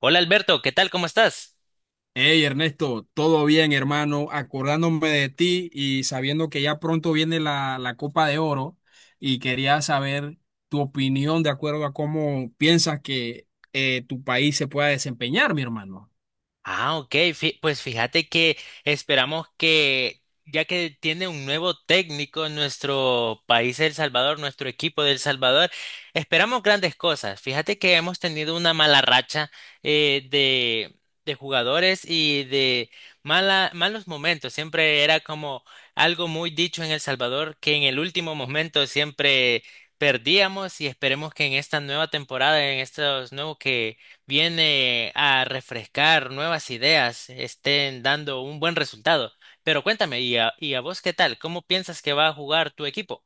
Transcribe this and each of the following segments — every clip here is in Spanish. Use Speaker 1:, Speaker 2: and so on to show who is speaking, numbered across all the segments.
Speaker 1: Hola Alberto, ¿qué tal? ¿Cómo estás?
Speaker 2: Hey Ernesto, todo bien hermano, acordándome de ti y sabiendo que ya pronto viene la Copa de Oro y quería saber tu opinión de acuerdo a cómo piensas que tu país se pueda desempeñar, mi hermano.
Speaker 1: Ah, ok, pues fíjate que esperamos que, ya que tiene un nuevo técnico en nuestro país, El Salvador, nuestro equipo de El Salvador, esperamos grandes cosas. Fíjate que hemos tenido una mala racha eh, de, de jugadores y de malos momentos. Siempre era como algo muy dicho en El Salvador, que en el último momento siempre perdíamos, y esperemos que en esta nueva temporada, en estos nuevos que viene a refrescar nuevas ideas, estén dando un buen resultado. Pero cuéntame, ¿y a vos qué tal? ¿Cómo piensas que va a jugar tu equipo?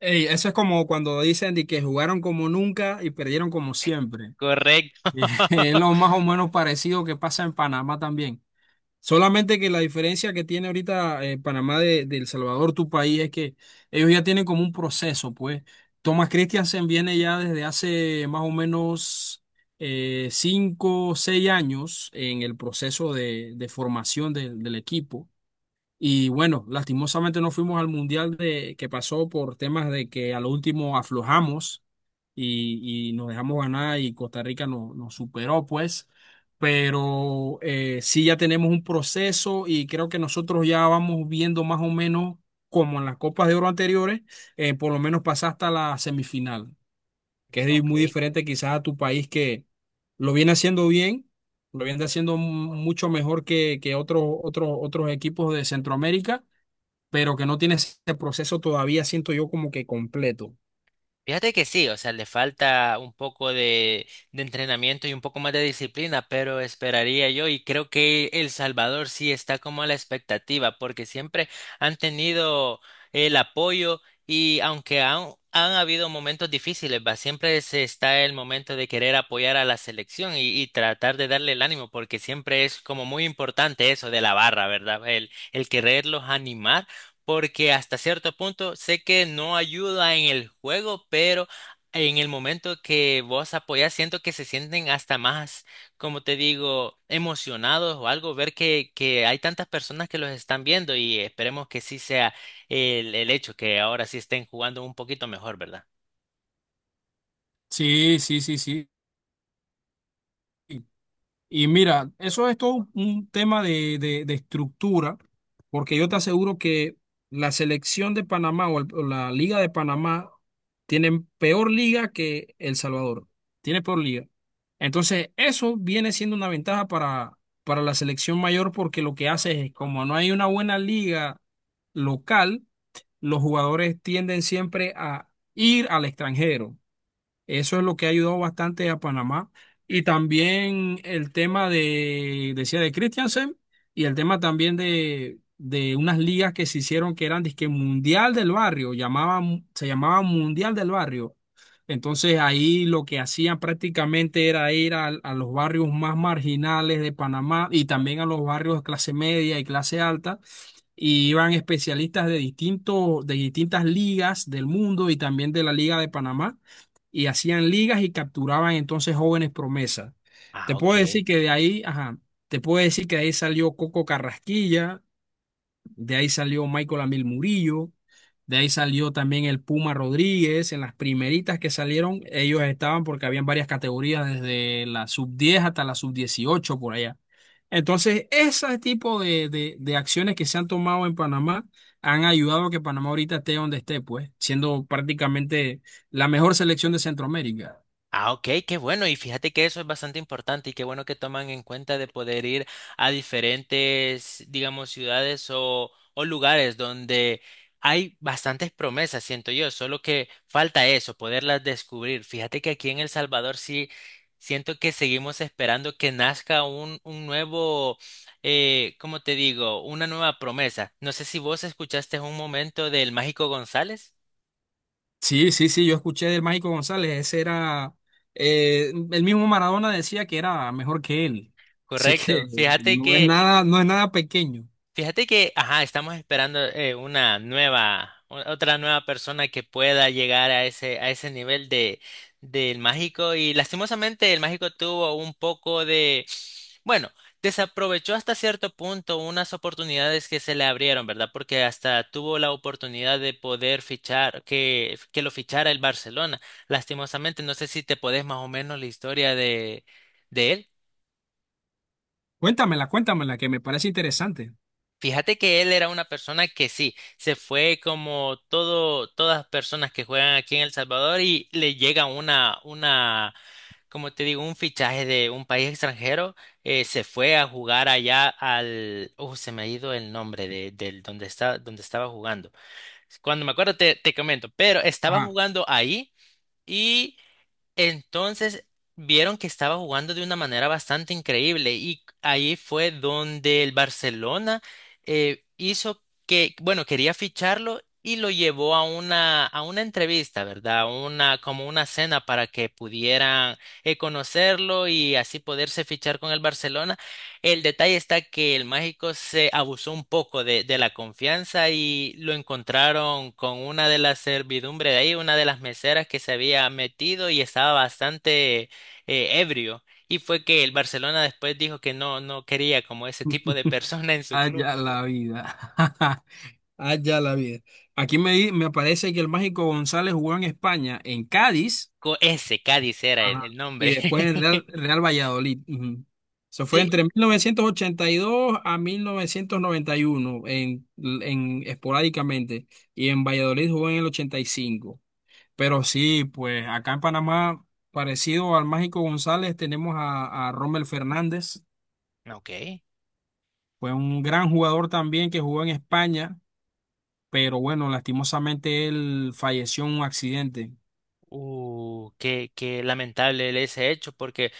Speaker 2: Hey, eso es como cuando dicen de que jugaron como nunca y perdieron como siempre.
Speaker 1: Correcto.
Speaker 2: Es lo más o menos parecido que pasa en Panamá también. Solamente que la diferencia que tiene ahorita Panamá de El Salvador, tu país, es que ellos ya tienen como un proceso, pues. Thomas Christiansen viene ya desde hace más o menos cinco o seis años en el proceso de formación del equipo. Y bueno, lastimosamente no fuimos al mundial de, que pasó por temas de que a lo último aflojamos y nos dejamos ganar y Costa Rica nos superó, pues. Pero sí ya tenemos un proceso y creo que nosotros ya vamos viendo más o menos como en las Copas de Oro anteriores, por lo menos pasar hasta la semifinal que es
Speaker 1: Ok.
Speaker 2: muy diferente quizás a tu país que lo viene haciendo bien, lo viene haciendo mucho mejor que otros, otros equipos de Centroamérica, pero que no tiene ese proceso todavía, siento yo, como que completo.
Speaker 1: Fíjate que sí, o sea, le falta un poco de entrenamiento y un poco más de disciplina, pero esperaría yo, y creo que El Salvador sí está como a la expectativa, porque siempre han tenido el apoyo. Y aunque han habido momentos difíciles, va, siempre se está el momento de querer apoyar a la selección y tratar de darle el ánimo, porque siempre es como muy importante eso de la barra, ¿verdad? El quererlos animar, porque hasta cierto punto sé que no ayuda en el juego, pero en el momento que vos apoyás, siento que se sienten hasta más, como te digo, emocionados o algo, ver que hay tantas personas que los están viendo. Y esperemos que sí sea el hecho, que ahora sí estén jugando un poquito mejor, ¿verdad?
Speaker 2: Sí, sí, sí, sí. Y mira, eso es todo un tema de, de estructura, porque yo te aseguro que la selección de Panamá o, o la Liga de Panamá tienen peor liga que El Salvador. Tiene peor liga. Entonces, eso viene siendo una ventaja para la selección mayor, porque lo que hace es, como no hay una buena liga local, los jugadores tienden siempre a ir al extranjero. Eso es lo que ha ayudado bastante a Panamá. Y también el tema de, decía, de Christiansen y el tema también de unas ligas que se hicieron que eran dizque Mundial del Barrio, llamaban, se llamaba Mundial del Barrio. Entonces ahí lo que hacían prácticamente era ir a, los barrios más marginales de Panamá y también a los barrios de clase media y clase alta. Y iban especialistas de distintos, de distintas ligas del mundo y también de la Liga de Panamá y hacían ligas y capturaban entonces jóvenes promesas.
Speaker 1: Ah,
Speaker 2: Te
Speaker 1: ok.
Speaker 2: puedo decir que de ahí, ajá, te puedo decir que de ahí salió Coco Carrasquilla, de ahí salió Michael Amil Murillo. De ahí salió también el Puma Rodríguez. En las primeritas que salieron, ellos estaban porque habían varias categorías, desde la sub 10 hasta la sub 18 por allá. Entonces, ese tipo de, de acciones que se han tomado en Panamá han ayudado a que Panamá ahorita esté donde esté, pues, siendo prácticamente la mejor selección de Centroamérica.
Speaker 1: Ah, ok, qué bueno. Y fíjate que eso es bastante importante, y qué bueno que toman en cuenta de poder ir a diferentes, digamos, ciudades o lugares donde hay bastantes promesas, siento yo, solo que falta eso, poderlas descubrir. Fíjate que aquí en El Salvador sí siento que seguimos esperando que nazca un nuevo, ¿cómo te digo? Una nueva promesa. No sé si vos escuchaste un momento del Mágico González.
Speaker 2: Sí, sí, sí, yo escuché del Mágico González, ese era, el mismo Maradona decía que era mejor que él, sé que
Speaker 1: Correcto.
Speaker 2: no es nada, no es nada pequeño.
Speaker 1: Fíjate que, ajá, estamos esperando una nueva, otra nueva persona que pueda llegar a ese nivel de, del mágico. Y lastimosamente el mágico tuvo un poco de, bueno, desaprovechó hasta cierto punto unas oportunidades que se le abrieron, ¿verdad? Porque hasta tuvo la oportunidad de poder fichar, que lo fichara el Barcelona. Lastimosamente, no sé si te podés más o menos la historia de él.
Speaker 2: Cuéntamela, cuéntamela, que me parece interesante.
Speaker 1: Fíjate que él era una persona que sí, se fue como todo, todas las personas que juegan aquí en El Salvador, y le llega una, como te digo, un fichaje de un país extranjero, se fue a jugar allá al, oh, se me ha ido el nombre de, del donde está, donde estaba jugando. Cuando me acuerdo te, te comento, pero estaba
Speaker 2: Ajá.
Speaker 1: jugando ahí. Entonces vieron que estaba jugando de una manera bastante increíble, y ahí fue donde el Barcelona hizo que, bueno, quería ficharlo y lo llevó a una entrevista, ¿verdad? Una, como una cena para que pudieran conocerlo y así poderse fichar con el Barcelona. El detalle está que el mágico se abusó un poco de la confianza, y lo encontraron con una de las servidumbre de ahí, una de las meseras que se había metido, y estaba bastante ebrio. Y fue que el Barcelona después dijo que no, no quería como ese tipo de persona en su club.
Speaker 2: Allá la vida. Allá la vida. Aquí me, me aparece que el Mágico González jugó en España, en Cádiz.
Speaker 1: Ese Cádiz era el,
Speaker 2: Ajá.
Speaker 1: el
Speaker 2: Y
Speaker 1: nombre.
Speaker 2: después el Real, Real Valladolid. Ujú. Eso fue
Speaker 1: Sí,
Speaker 2: entre 1982 a 1991, en, esporádicamente. Y en Valladolid jugó en el 85. Pero sí, pues acá en Panamá, parecido al Mágico González, tenemos a Rommel Fernández.
Speaker 1: ok.
Speaker 2: Fue un gran jugador también que jugó en España, pero bueno, lastimosamente él falleció en un accidente.
Speaker 1: Qué, qué lamentable ese hecho, porque,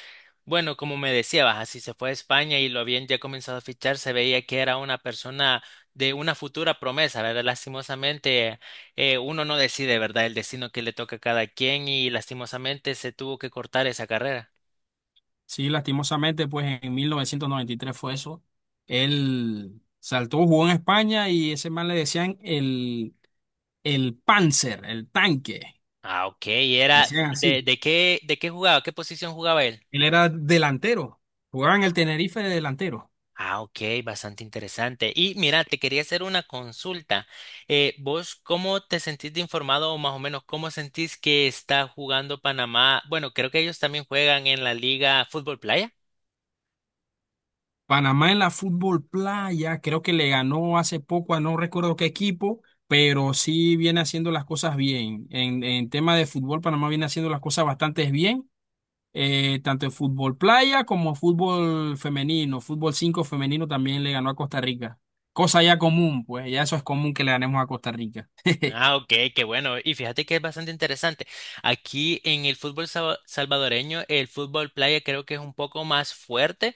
Speaker 1: bueno, como me decías, así se fue a España y lo habían ya comenzado a fichar, se veía que era una persona de una futura promesa, ¿verdad? Lastimosamente, uno no decide, ¿verdad? El destino que le toca a cada quien, y lastimosamente se tuvo que cortar esa carrera.
Speaker 2: Sí, lastimosamente, pues en 1993 fue eso. Él saltó, jugó en España y ese man le decían el Panzer, el tanque.
Speaker 1: Ah, ok, y era,
Speaker 2: Decían así.
Speaker 1: de qué jugaba? ¿Qué posición jugaba él?
Speaker 2: Él era delantero. Jugaba en el Tenerife de delantero.
Speaker 1: Ah, ok, bastante interesante. Y mira, te quería hacer una consulta. ¿Vos cómo te sentís de informado, o más o menos cómo sentís que está jugando Panamá? Bueno, creo que ellos también juegan en la Liga Fútbol Playa.
Speaker 2: Panamá en la Fútbol Playa, creo que le ganó hace poco a no recuerdo qué equipo, pero sí viene haciendo las cosas bien. En tema de fútbol, Panamá viene haciendo las cosas bastante bien, tanto en fútbol playa como fútbol femenino. Fútbol 5 femenino también le ganó a Costa Rica. Cosa ya común, pues ya eso es común que le ganemos a Costa Rica.
Speaker 1: Ah, ok, qué bueno. Y fíjate que es bastante interesante. Aquí en el fútbol salvadoreño, el fútbol playa creo que es un poco más fuerte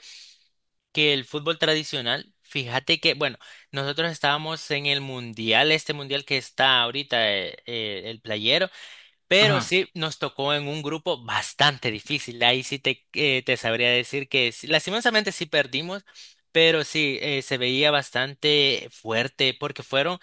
Speaker 1: que el fútbol tradicional. Fíjate que, bueno, nosotros estábamos en el mundial, este mundial que está ahorita, el playero. Pero
Speaker 2: Ajá.
Speaker 1: sí, nos tocó en un grupo bastante difícil. Ahí sí te, te sabría decir que sí, lastimosamente sí perdimos, pero sí, se veía bastante fuerte porque fueron.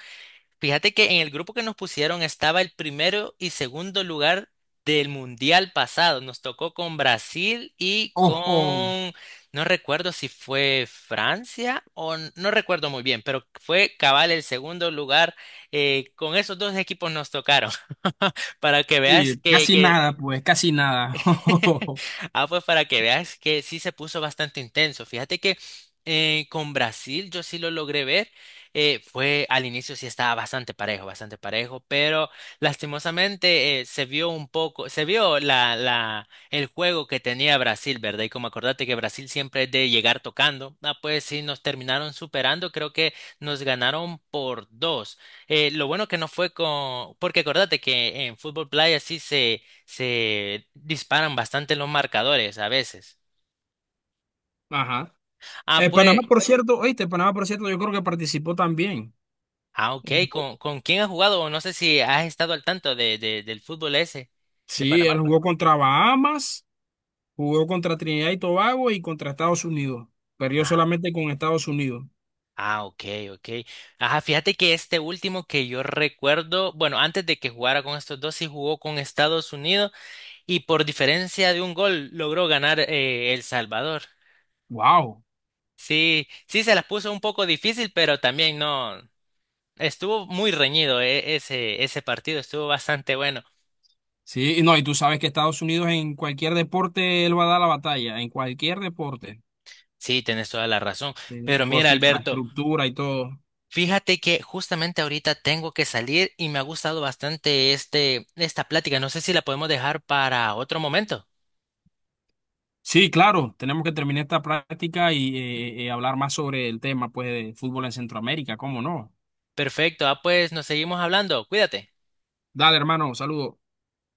Speaker 1: Fíjate que en el grupo que nos pusieron estaba el primero y segundo lugar del mundial pasado. Nos tocó con Brasil y
Speaker 2: Ojo.
Speaker 1: con, no recuerdo si fue Francia o no recuerdo muy bien, pero fue cabal el segundo lugar. Con esos dos equipos nos tocaron. Para que veas
Speaker 2: Oye,
Speaker 1: que,
Speaker 2: casi nada, pues, casi nada.
Speaker 1: ah, pues para que veas que sí se puso bastante intenso. Fíjate que con Brasil yo sí lo logré ver. Fue al inicio, sí estaba bastante parejo, pero lastimosamente se vio un poco, se vio el juego que tenía Brasil, ¿verdad? Y como acordate que Brasil siempre es de llegar tocando, ah, pues sí nos terminaron superando, creo que nos ganaron por dos. Lo bueno que no fue con, porque acordate que en fútbol playa sí se disparan bastante los marcadores a veces.
Speaker 2: Ajá.
Speaker 1: Ah,
Speaker 2: Panamá,
Speaker 1: pues,
Speaker 2: por cierto, oíste, Panamá, por cierto, yo creo que participó también.
Speaker 1: ah, ok,
Speaker 2: Él jugó-
Speaker 1: con quién has jugado? O no sé si has estado al tanto de, del fútbol ese de
Speaker 2: Sí, él
Speaker 1: Panamá.
Speaker 2: jugó contra Bahamas, jugó contra Trinidad y Tobago y contra Estados Unidos. Perdió
Speaker 1: Ah,
Speaker 2: solamente con Estados Unidos.
Speaker 1: ah, ok, ok. Ajá, fíjate que este último que yo recuerdo, bueno, antes de que jugara con estos dos, sí jugó con Estados Unidos y por diferencia de un gol logró ganar, El Salvador.
Speaker 2: Wow.
Speaker 1: Sí, sí se las puso un poco difícil, pero también no. Estuvo muy reñido, ese, ese partido, estuvo bastante bueno.
Speaker 2: Sí, y no, y tú sabes que Estados Unidos en cualquier deporte él va a dar la batalla, en cualquier deporte,
Speaker 1: Sí, tienes toda la razón. Pero
Speaker 2: por
Speaker 1: mira,
Speaker 2: su
Speaker 1: Alberto,
Speaker 2: infraestructura y todo.
Speaker 1: fíjate que justamente ahorita tengo que salir y me ha gustado bastante este, esta plática. No sé si la podemos dejar para otro momento.
Speaker 2: Sí, claro, tenemos que terminar esta práctica y hablar más sobre el tema, pues, de fútbol en Centroamérica, ¿cómo no?
Speaker 1: Perfecto, ah, pues nos seguimos hablando. Cuídate.
Speaker 2: Dale, hermano, saludos.